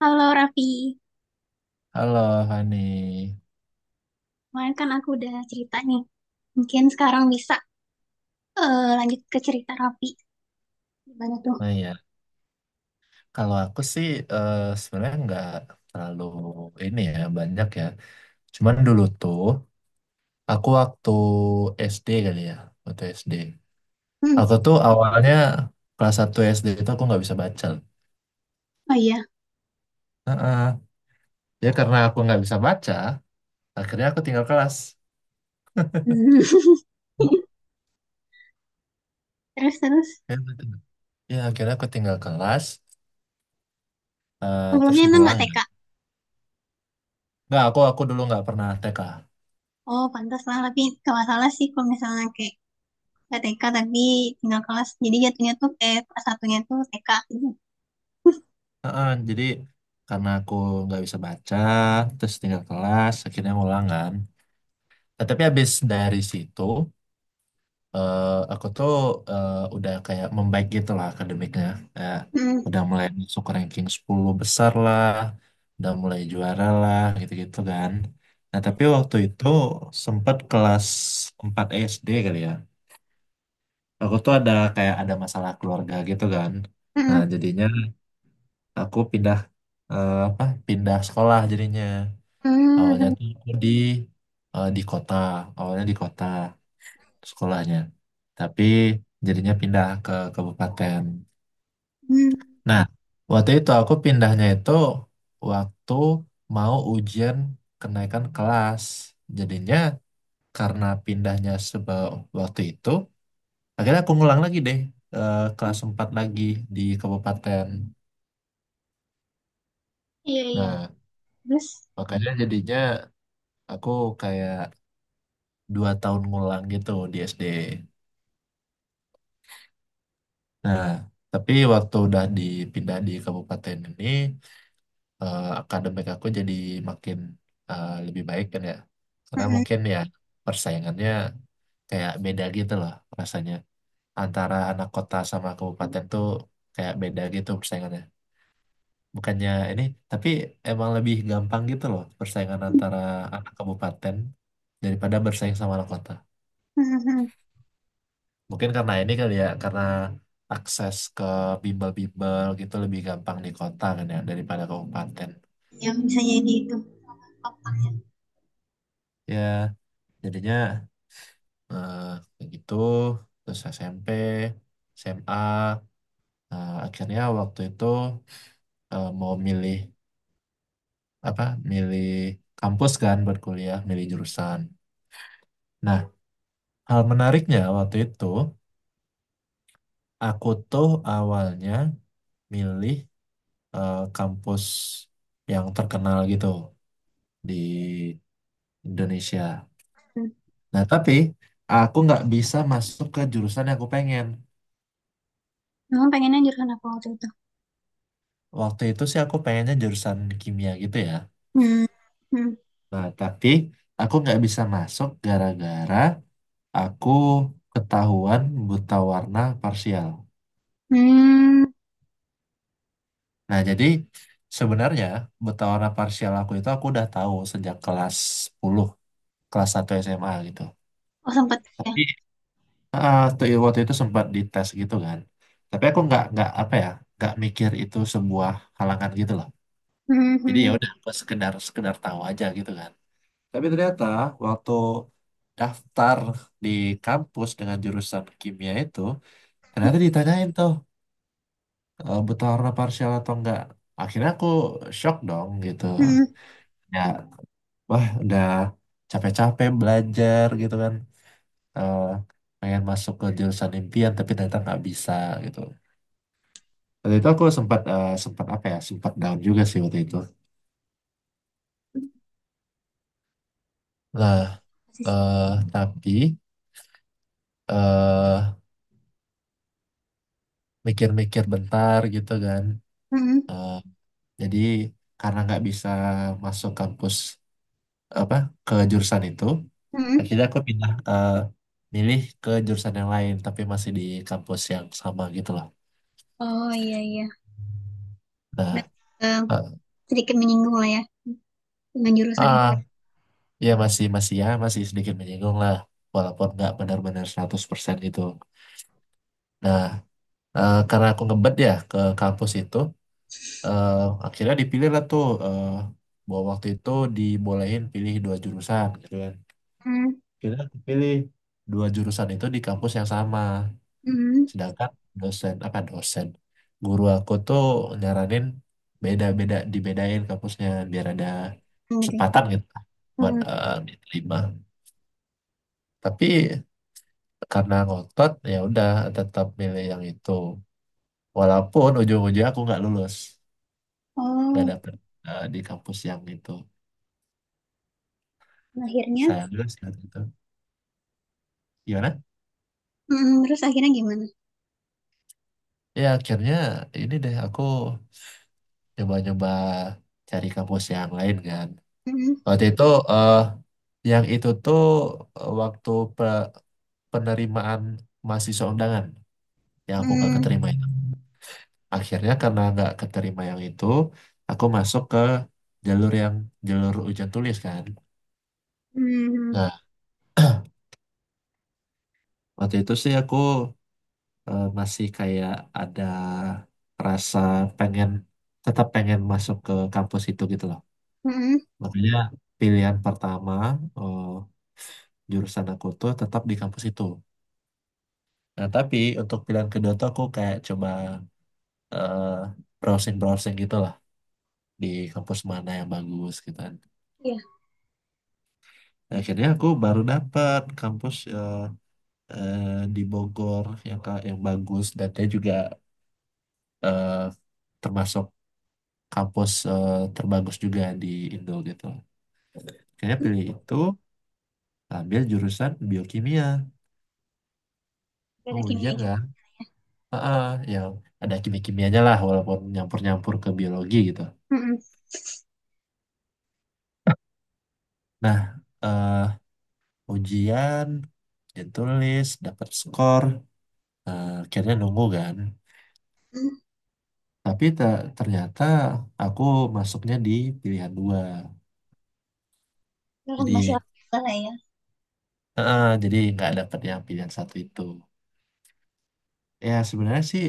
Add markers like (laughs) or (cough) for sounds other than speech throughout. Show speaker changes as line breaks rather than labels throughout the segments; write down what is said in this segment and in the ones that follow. Halo Raffi,
Halo, Hani.
kemarin kan aku udah cerita nih. Mungkin sekarang bisa lanjut ke cerita Raffi. Gimana tuh?
Nah ya, kalau aku sih sebenarnya nggak terlalu ini ya banyak ya. Cuman dulu tuh aku waktu SD kali ya, waktu SD.
Hmm.
Aku tuh awalnya kelas 1 SD itu aku nggak bisa baca.
Oh iya.
Heeh. Ya karena aku nggak bisa baca, akhirnya aku tinggal kelas.
Hmm. (laughs) Terus terus
Ya, betul. Ya, akhirnya aku tinggal kelas, terus
sebelumnya emang nggak
ngulang.
TK?
Nggak, aku dulu nggak pernah TK.
Oh pantas lah, tapi gak masalah sih kalau misalnya kayak nggak TK tapi tinggal kelas. Jadi jatuhnya tuh kayak kelas satunya tuh TK. Gitu.
Heeh, jadi karena aku nggak bisa baca, terus tinggal kelas, akhirnya ngulang kan. Nah, tapi habis dari situ, eh, aku tuh udah kayak membaik gitu lah akademiknya. Kayak
Hmm.
udah mulai masuk ranking 10 besar lah, udah mulai juara lah, gitu-gitu kan. Nah, tapi waktu itu sempat kelas 4 SD kali ya. Aku tuh ada kayak ada masalah keluarga gitu kan. Nah,
Hmm.
jadinya aku pindah eh, apa pindah sekolah jadinya. Awalnya
Hmm.
tuh aku di di kota, awalnya di kota sekolahnya. Tapi jadinya pindah ke kabupaten.
Hmm.
Nah, waktu itu aku pindahnya itu waktu mau ujian kenaikan kelas. Jadinya karena pindahnya sebab waktu itu, akhirnya aku ngulang lagi deh kelas 4 lagi di kabupaten.
Iya iya.
Nah,
Terus.
makanya jadinya aku kayak 2 tahun ngulang gitu di SD. Nah, tapi waktu udah dipindah di kabupaten ini, akademik aku jadi makin lebih baik kan ya. Karena
Hmm.
mungkin ya persaingannya kayak beda gitu loh rasanya. Antara anak kota sama kabupaten tuh kayak beda gitu persaingannya. Bukannya ini, tapi emang lebih gampang gitu loh persaingan
Hmm.
antara anak kabupaten daripada bersaing sama anak kota.
Hmm. Hmm.
Mungkin karena ini kali ya, karena akses ke bimbel-bimbel gitu lebih gampang di kota kan ya daripada kabupaten.
Ya bisa jadi itu. Otak.
Ya, jadinya eh, kayak gitu. Terus SMP, SMA, akhirnya waktu itu mau milih apa? Milih kampus kan buat kuliah, milih jurusan. Nah, hal menariknya waktu itu aku tuh awalnya milih kampus yang terkenal gitu di Indonesia. Nah, tapi aku nggak bisa masuk ke jurusan yang aku pengen.
Memang pengennya jurusan apa waktu itu?
Waktu itu sih aku pengennya jurusan kimia gitu ya.
Hmm, hmm,
Nah, tapi aku nggak bisa masuk gara-gara aku ketahuan buta warna parsial.
hmm.
Nah, jadi sebenarnya buta warna parsial aku itu aku udah tahu sejak kelas 10, kelas 1 SMA gitu.
Oh, sempat ya.
Tapi waktu waktu itu sempat dites gitu kan. Tapi aku nggak apa ya, nggak mikir itu sebuah halangan gitu loh.
Hmm,
Jadi
hmm,
ya udah gue sekedar sekedar tahu aja gitu kan. Tapi ternyata waktu daftar di kampus dengan jurusan kimia itu ternyata ditanyain tuh e, butuh warna parsial atau enggak. Akhirnya aku shock dong gitu.
hmm.
Ya, wah udah capek-capek belajar gitu kan. E, Pengen masuk ke jurusan impian tapi ternyata nggak bisa gitu. Waktu itu aku sempat apa ya sempat down juga sih waktu itu.
Yes,
Nah,
pasti sih.
eh tapi eh mikir-mikir bentar gitu kan.
Hmm,
Eh, jadi karena nggak bisa masuk kampus apa ke jurusan itu,
hmm.
akhirnya aku pindah milih ke jurusan yang lain tapi masih di kampus yang sama gitu lah.
Oh iya iya. Udah
Nah,
eh,
eh,
sedikit menyinggung lah ya dengan jurusan ini.
ah, ya masih masih ya masih sedikit menyinggung lah walaupun nggak benar-benar 100% gitu. Nah, karena aku ngebet ya ke kampus itu, eh, akhirnya dipilih lah tuh bahwa waktu itu dibolehin pilih dua jurusan gitu kan.
Hmm,
Kita pilih dua jurusan itu di kampus yang sama.
hmm,
Sedangkan dosen, apa dosen, guru aku tuh nyaranin beda-beda, dibedain kampusnya biar ada
hmm, gitu. Ya.
kesempatan gitu kan buat
Hmm.
diterima. Tapi karena ngotot ya udah tetap milih yang itu. Walaupun ujung-ujungnya aku nggak lulus, nggak
Oh,
dapet di kampus yang itu.
akhirnya.
Sayang juga sih waktu itu. Gimana?
Hmm, hmm. Terus akhirnya gimana?
Ya akhirnya ini deh aku nyoba-nyoba cari kampus yang lain kan.
Hmm,
Waktu itu eh yang itu tuh waktu pe- penerimaan mahasiswa undangan yang aku nggak
hmm,
keterima itu. Akhirnya karena nggak keterima yang itu, aku masuk ke jalur yang jalur ujian tulis kan.
hmm,
Nah, (clears throat) waktu itu sih aku masih kayak ada rasa pengen tetap pengen masuk ke kampus itu gitu loh.
hmm.
Makanya pilihan pertama eh, jurusan aku tuh tetap di kampus itu. Nah, tapi untuk pilihan kedua tuh aku kayak coba eh, browsing-browsing gitu lah di kampus mana yang bagus gitu kan.
Iya,
Nah, akhirnya aku baru dapat kampus eh, di Bogor yang yang bagus dan dia juga eh, termasuk kampus terbagus juga di Indo gitu. Akhirnya pilih itu ambil jurusan biokimia.
nggak
Oh,
ada kimia
ujian
gitu.
kan? Heeh, yang ada kimia-kimianya lah walaupun nyampur-nyampur ke biologi gitu.
Hmm,
Nah, eh, ujian ujian tulis dapat skor. Akhirnya nunggu kan,
hmm.
tapi ternyata aku masuknya di pilihan dua,
Terus
jadi
masih apa lah ya?
jadi nggak dapet yang pilihan satu itu. Ya sebenarnya sih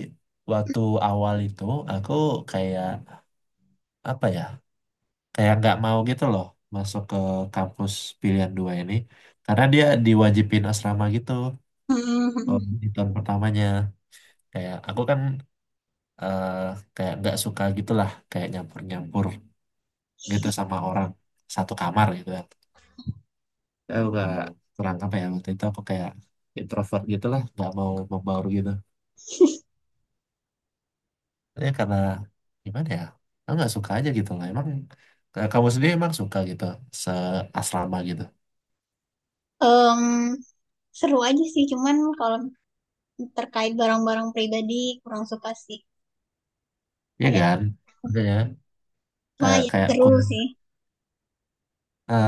waktu awal itu aku kayak apa ya kayak nggak mau gitu loh masuk ke kampus pilihan dua ini karena dia diwajibin asrama gitu
Hmm, hmm. Hmm.
oh, di tahun pertamanya. Kayak aku kan eh kayak nggak suka gitulah kayak nyampur-nyampur gitu sama orang satu kamar gitu kan. Aku nggak kurang apa ya, waktu itu aku kayak introvert gitulah, nggak mau membaur gitu. Ya karena gimana ya, aku nggak suka aja gitu lah emang. Kamu sendiri emang suka gitu seasrama gitu?
Em, seru aja sih, cuman kalau terkait barang-barang pribadi kurang suka sih,
Ya
kayak
kan, makanya
wah
kayak
ya
kayak
seru
kurang
sih.
eh,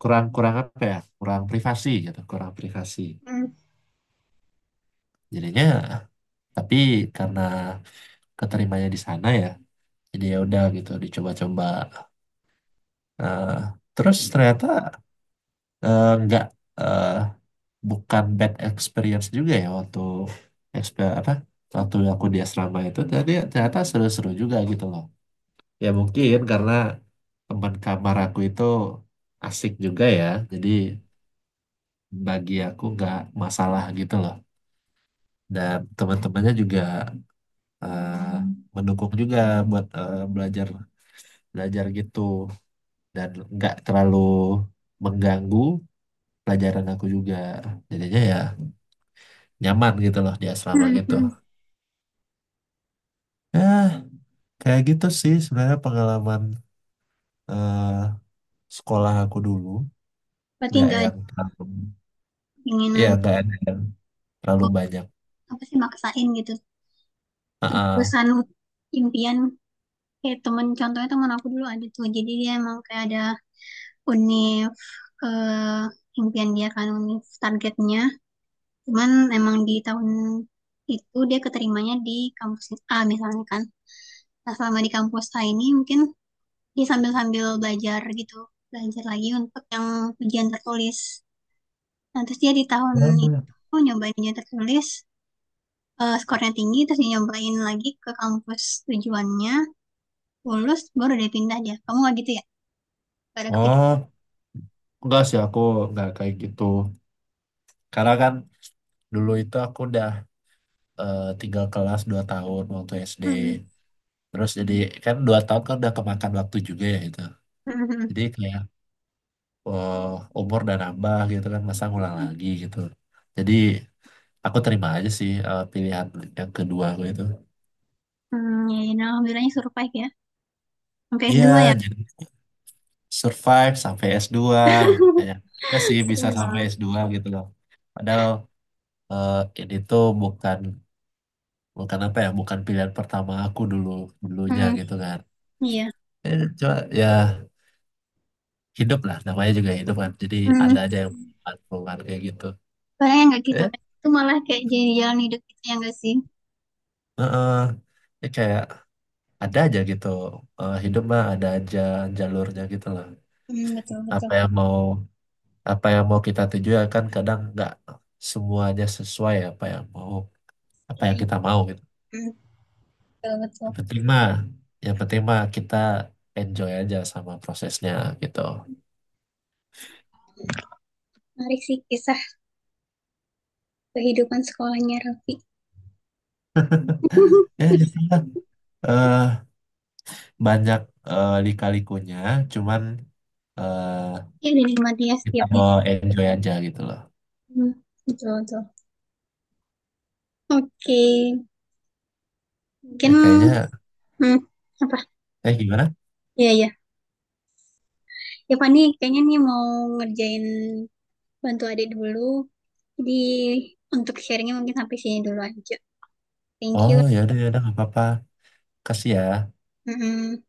kurang kurang apa ya, kurang privasi gitu, kurang privasi
Hmm.
jadinya. Tapi karena keterimanya di sana ya, jadi ya udah gitu dicoba-coba. Eh, Terus ternyata eh, nggak eh, bukan bad experience juga ya waktu exper- apa waktu aku di asrama itu, jadi ternyata seru-seru juga gitu loh. Ya mungkin karena teman kamar aku itu asik juga ya, jadi bagi aku nggak masalah gitu loh. Dan teman-temannya juga eh, mendukung juga buat belajar belajar gitu, dan nggak terlalu mengganggu pelajaran aku juga, jadinya ya nyaman gitu loh di
(laughs)
asrama
Hmm,
gitu.
hmm.
Ya kayak gitu sih sebenarnya pengalaman eh, sekolah aku dulu.
Berarti
Nggak
nggak ada
yang terlalu, ya
keinginan,
nggak ada yang terlalu
oh,
banyak.
apa sih maksain gitu
Ah, ah.
jurusan impian, kayak temen. Contohnya temen aku dulu ada tuh, jadi dia emang kayak ada univ ke impian dia kan, univ targetnya. Cuman emang di tahun itu dia keterimanya di kampus A misalnya kan. Nah, selama di kampus A ini mungkin dia sambil-sambil belajar gitu, belajar lagi untuk yang ujian tertulis. Nah, terus dia di tahun itu nyobain ujian tertulis, skornya tinggi, terus dia nyobain lagi ke kampus tujuannya, lulus, baru dia pindah dia. Kamu nggak gitu ya? Gak ada kepikiran.
Oh, enggak sih, aku nggak kayak gitu karena kan dulu itu aku udah tinggal kelas 2 tahun waktu SD,
Hmm.
terus jadi kan 2 tahun kan udah kemakan waktu juga ya itu.
Hmm,
Jadi kayak eh, umur dan nambah gitu kan, masa ngulang lagi gitu. Jadi aku terima aja sih pilihan yang kedua aku itu.
hmm, ya, ya, nah, alhamdulillahnya survive ya. Sampai s
Iya,
dua ya.
jadi survive sampai S2. Kayak enggak sih
(laughs)
bisa
Serem
sampai
banget.
S2 gitu loh, padahal eh, ini tuh bukan bukan apa ya, bukan pilihan pertama aku dulu dulunya
Hmm,
gitu kan.
iya.
Cuma ya hidup lah, namanya juga hidup kan, jadi
Hmm,
ada aja yang keluar kayak gitu.
padahal yang nggak kita
eh
pengen itu malah kayak jadi jalan hidup kita yang nggak sih?
eh, eh. Ini kayak ada aja gitu, hidup mah ada aja jalurnya gitu loh.
Hmm, betul betul.
apa yang mau Apa yang mau kita tuju ya kan, kadang nggak semuanya sesuai apa yang mau, apa yang kita mau gitu.
Hmm, betul betul.
Yang penting mah yang penting mah kita enjoy aja sama prosesnya gitu.
Menarik sih kisah kehidupan sekolahnya Raffi.
(laughs) Ya gitu
(laughs)
lah. Eh, Banyak lika-likunya, cuman eh,
Ya, dinikmati ya
kita
setiapnya.
mau enjoy aja gitu loh.
Hmm, betul, betul. Oke,
Ya,
mungkin
kayaknya
hmm, apa?
gimana.
Ya, ya. Ya, Pak, nih kayaknya nih mau ngerjain bantu adik dulu. Jadi, untuk sharingnya mungkin sampai sini dulu aja. Thank you.
Oh, ya udah nggak apa-apa, kasih ya.
Mm-mm.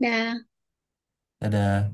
Dah.
Dadah.